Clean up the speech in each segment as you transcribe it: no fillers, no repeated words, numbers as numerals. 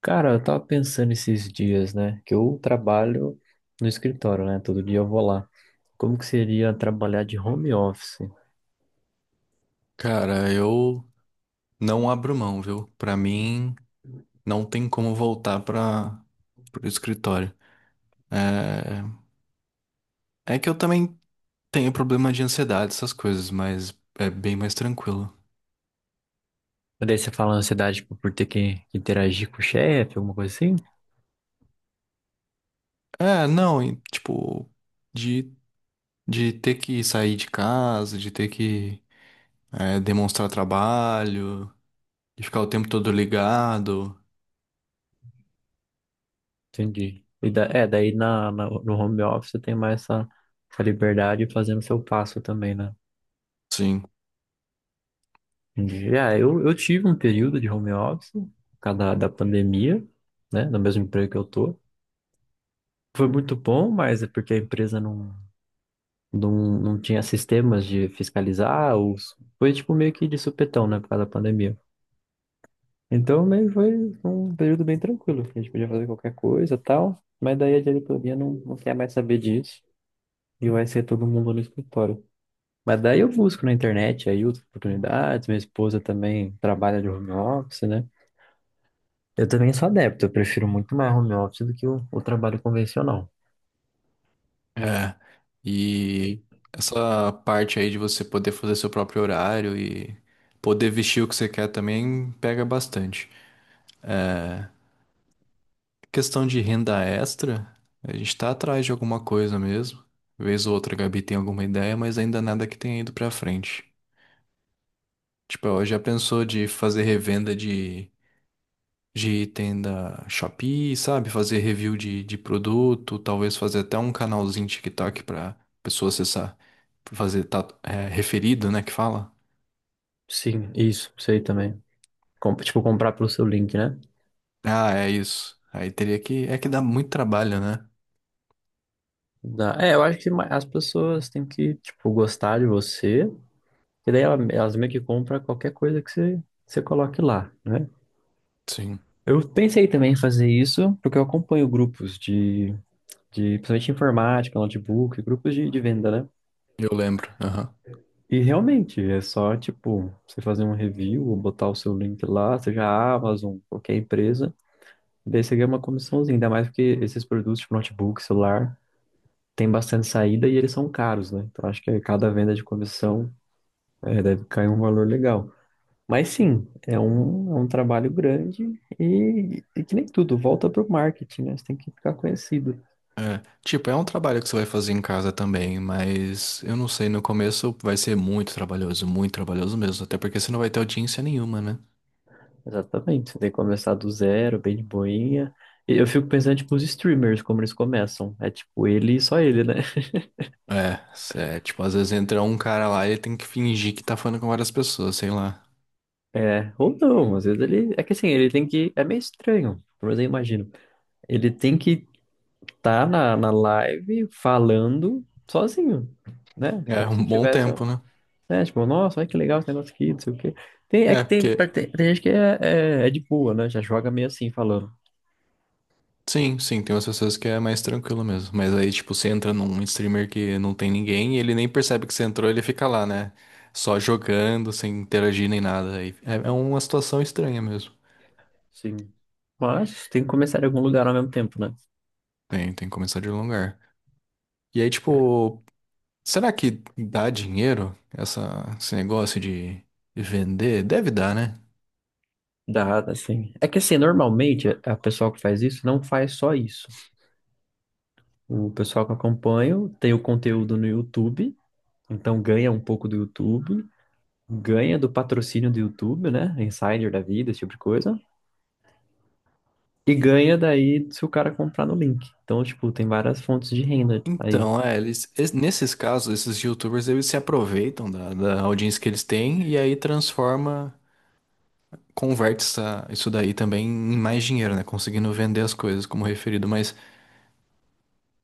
Cara, eu tava pensando esses dias, né? Que eu trabalho no escritório, né? Todo dia eu vou lá. Como que seria trabalhar de home office? Cara, eu não abro mão, viu? Pra mim, não tem como voltar para o escritório. É... é que eu também tenho problema de ansiedade, essas coisas, mas é bem mais tranquilo. Mas daí você fala ansiedade, tipo, por ter que interagir com o chefe, alguma coisa assim? É, não, e, tipo, de, de ter que sair de casa, de ter que demonstrar trabalho, de ficar o tempo todo ligado. Entendi. No home office você tem mais essa liberdade fazendo seu passo também, né? Sim. Já, eu tive um período de home office por causa da pandemia, né? No mesmo emprego que eu tô. Foi muito bom, mas é porque a empresa não, não tinha sistemas de fiscalizar, ou foi tipo meio que de supetão, né? Por causa da pandemia. Então, meio foi um período bem tranquilo, que a gente podia fazer qualquer coisa e tal, mas daí a diretoria não quer mais saber disso e vai ser todo mundo no escritório. Mas daí eu busco na internet aí outras oportunidades, minha esposa também trabalha de home office, né? Eu também sou adepto, eu prefiro muito mais home office do que o trabalho convencional. É, e essa parte aí de você poder fazer seu próprio horário e poder vestir o que você quer também pega bastante. Questão de renda extra, a gente tá atrás de alguma coisa mesmo. Vez ou outra a Gabi tem alguma ideia, mas ainda nada que tenha ido pra frente. Tipo, ela já pensou de fazer revenda de item da Shopee, sabe? Fazer review de produto, talvez fazer até um canalzinho TikTok pra pessoa acessar, fazer tá, é, referido, né, que fala. Sim, isso, sei também. Tipo, comprar pelo seu link, né? Ah, é isso. Aí teria que. É que dá muito trabalho, né? Dá. É, eu acho que as pessoas têm que, tipo, gostar de você, e daí elas meio que compram qualquer coisa que você coloque lá, né? Sim, Eu pensei também em fazer isso, porque eu acompanho grupos de principalmente informática, notebook, grupos de venda, né? eu lembro. Aham. E realmente, é só, tipo, você fazer um review, ou botar o seu link lá, seja a Amazon, qualquer empresa. Daí você ganha uma comissãozinha, ainda mais porque esses produtos de notebook, celular, tem bastante saída e eles são caros, né? Então acho que cada venda de comissão é, deve cair um valor legal. Mas sim, é é um trabalho grande e que nem tudo, volta pro marketing, né? Você tem que ficar conhecido. É. Tipo, é um trabalho que você vai fazer em casa também, mas eu não sei, no começo vai ser muito trabalhoso mesmo, até porque você não vai ter audiência nenhuma, né? Exatamente, você tem que começar do zero, bem de boinha. E eu fico pensando, tipo, os streamers, como eles começam. É tipo, ele e só ele, né? É, tipo, às vezes entra um cara lá e ele tem que fingir que tá falando com várias pessoas, sei lá. É, ou não, às vezes ele. É que assim, ele tem que. É meio estranho, mas eu imagino. Ele tem que tá na live falando sozinho, né? É Como se um bom tivesse tempo, um. né? Né? Tipo, nossa, olha que legal esse negócio aqui, não sei o quê. Tem, é É, que porque tem gente que é de boa, né? Já joga meio assim, falando. Sim, sim, tem umas pessoas que é mais tranquilo mesmo. Mas aí, tipo, você entra num streamer que não tem ninguém e ele nem percebe que você entrou, ele fica lá, né? Só jogando, sem interagir nem nada. Aí é uma situação estranha mesmo. Sim. Mas tem que começar em algum lugar ao mesmo tempo, né? Tem que começar de algum lugar. E aí, tipo, será que dá dinheiro essa, esse negócio de vender? Deve dar, né? Dá, assim. É que assim, normalmente a pessoa que faz isso não faz só isso. O pessoal que eu acompanho tem o conteúdo no YouTube, então ganha um pouco do YouTube, ganha do patrocínio do YouTube, né? Insider da vida, esse tipo de coisa. E ganha daí se o cara comprar no link. Então, tipo, tem várias fontes de renda aí. Então, é, nesses casos, esses YouTubers, eles se aproveitam da audiência que eles têm e aí transforma. Converte isso daí também em mais dinheiro, né? Conseguindo vender as coisas como referido, mas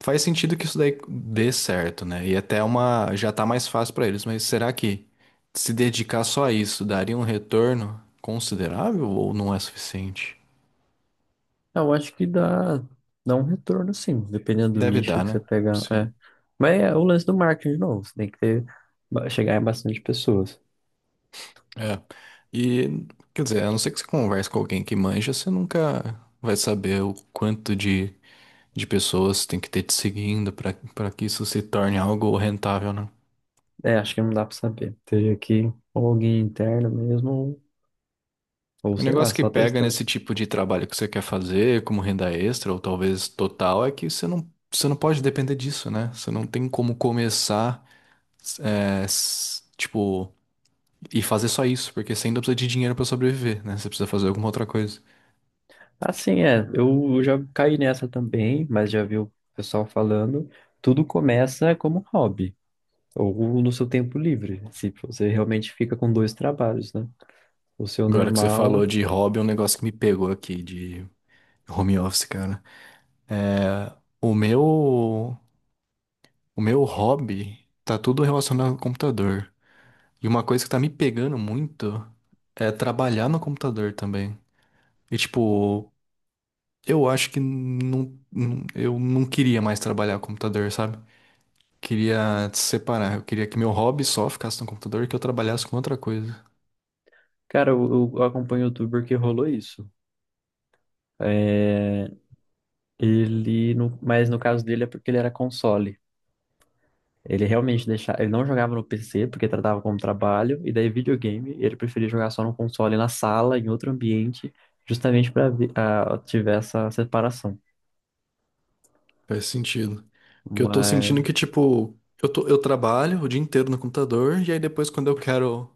faz sentido que isso daí dê certo, né? E até uma já tá mais fácil pra eles, mas será que se dedicar só a isso daria um retorno considerável ou não é suficiente? Eu acho que dá um retorno, sim, dependendo do Deve nicho dar, que você né? pegar. Sim. É. Mas é o lance do marketing de novo. Você tem que ter, chegar em bastante pessoas. É. E quer dizer, a não ser que você converse com alguém que manja, você nunca vai saber o quanto de pessoas tem que ter te seguindo pra para que isso se torne algo rentável, né? É, acho que não dá pra saber. Teria que ou alguém interno mesmo, ou O sei lá, negócio que só pega testando. nesse tipo de trabalho que você quer fazer, como renda extra ou talvez total, é que você não pode depender disso, né? Você não tem como começar, tipo, e fazer só isso, porque você ainda precisa de dinheiro pra sobreviver, né? Você precisa fazer alguma outra coisa. Assim, é, eu já caí nessa também, mas já vi o pessoal falando. Tudo começa como hobby. Ou no seu tempo livre, se você realmente fica com dois trabalhos, né? O seu Agora que você normal. falou de hobby, é um negócio que me pegou aqui, de home office, cara. É, O meu, o meu hobby tá tudo relacionado ao computador. E uma coisa que tá me pegando muito é trabalhar no computador também. E tipo, eu acho que não, eu não queria mais trabalhar com computador, sabe? Queria separar. Eu queria que meu hobby só ficasse no computador e que eu trabalhasse com outra coisa. Cara, eu acompanho o youtuber que rolou isso. É, ele, no, mas no caso dele é porque ele era console. Ele realmente deixava, ele não jogava no PC porque tratava como trabalho, e daí videogame, ele preferia jogar só no console, na sala, em outro ambiente, justamente para tiver essa separação. Faz sentido. Porque eu tô sentindo Mas que, tipo, eu trabalho o dia inteiro no computador e aí depois quando eu quero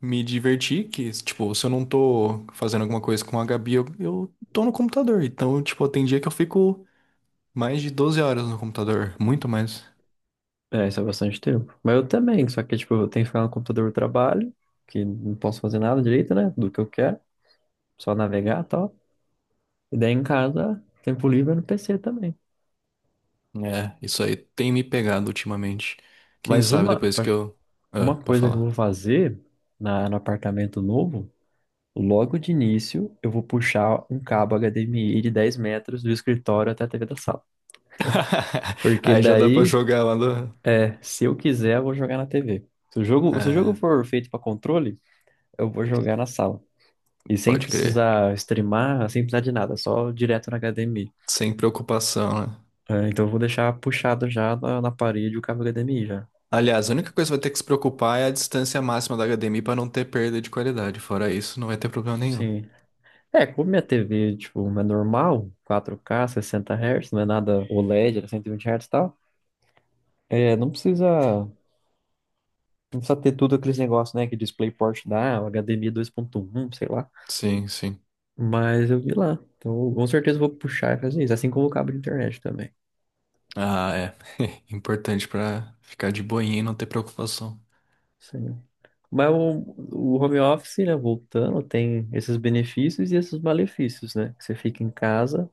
me divertir, que, tipo, se eu não tô fazendo alguma coisa com a Gabi, eu tô no computador. Então, tipo, tem dia que eu fico mais de 12 horas no computador, muito mais. é, isso é bastante tempo. Mas eu também, só que, tipo, eu tenho que ficar no computador do trabalho, que não posso fazer nada direito, né? Do que eu quero, só navegar e tal. E daí em casa, tempo livre é no PC também. É, isso aí tem me pegado ultimamente. Quem Mas sabe depois que eu. Ah, uma pode coisa que eu falar. vou fazer no apartamento novo, logo de início, eu vou puxar um cabo HDMI de 10 metros do escritório até a TV da sala. Porque Aí já dá pra daí, jogar lá do. é, se eu quiser, eu vou jogar na TV. Se o jogo, se o jogo É, for feito para controle, eu vou jogar na sala. E sem pode crer. precisar streamar, sem precisar de nada, só direto na HDMI. Sem preocupação, né? É, então eu vou deixar puxado já na parede o cabo HDMI já. Aliás, a única coisa que vai ter que se preocupar é a distância máxima da HDMI pra não ter perda de qualidade. Fora isso, não vai ter problema nenhum. Sim. É, como minha TV, tipo, é normal, 4K, 60 Hz, não é nada OLED, era 120 Hz e tal. É, não precisa ter tudo aqueles negócios, né, que DisplayPort dá, o HDMI 2.1, sei lá. Sim, sim. Mas eu vi lá. Então, com certeza eu vou puxar e fazer isso, assim como o cabo de internet também. Ah, é. Importante pra ficar de boinha e não ter preocupação. Sim. Mas o home office, né, voltando, tem esses benefícios e esses malefícios, né? Que você fica em casa,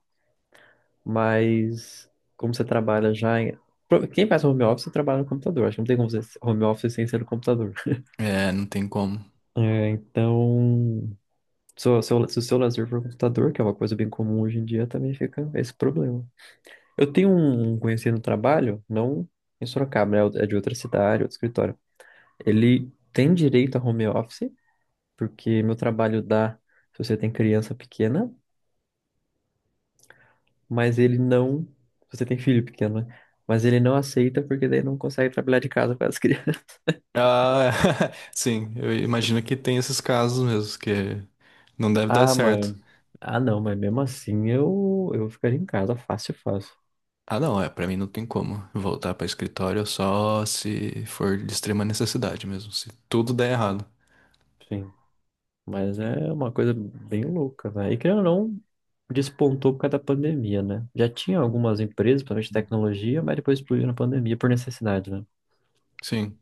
mas como você trabalha já em... Quem faz home office trabalha no computador. Acho que não tem como fazer home office sem ser no computador. É, não tem como. É, então, se o seu, se o seu lazer for o computador, que é uma coisa bem comum hoje em dia, também fica esse problema. Eu tenho um conhecido no trabalho, não em Sorocaba, né? É de outra cidade, outro escritório. Ele tem direito a home office, porque meu trabalho dá se você tem criança pequena, mas ele não, se você tem filho pequeno, né? Mas ele não aceita porque daí não consegue trabalhar de casa com as crianças. Ah, sim, eu imagino que tem esses casos mesmo, que não deve dar Ah, mãe. certo. Ah, não, mas mesmo assim eu ficaria em casa fácil, fácil. Ah, não, é, pra mim não tem como voltar pra escritório só se for de extrema necessidade mesmo, se tudo der errado. Sim, mas é uma coisa bem louca, né? E querendo ou não, despontou por causa da pandemia, né? Já tinha algumas empresas, principalmente de tecnologia, mas depois explodiu na pandemia por necessidade, né? Sim,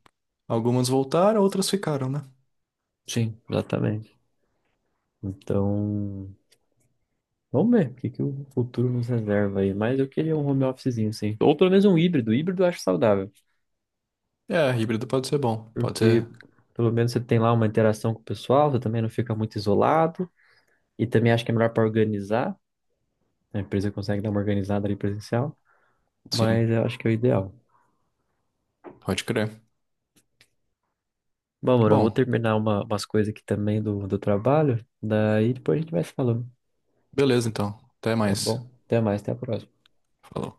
algumas voltaram, outras ficaram, né? Sim, exatamente. Então, vamos ver que o futuro nos reserva aí. Mas eu queria um home officezinho, sim. Ou pelo menos um híbrido. Híbrido eu acho saudável. É, híbrido pode ser bom, pode Porque ser, pelo menos você tem lá uma interação com o pessoal, você também não fica muito isolado. E também acho que é melhor para organizar. A empresa consegue dar uma organizada ali presencial. Mas sim, eu acho que é o ideal. pode crer. Bom, mano, eu vou Bom, terminar umas coisas aqui também do, do trabalho. Daí depois a gente vai se falando. beleza então, até Tá mais. bom? Até mais, até a próxima. Falou.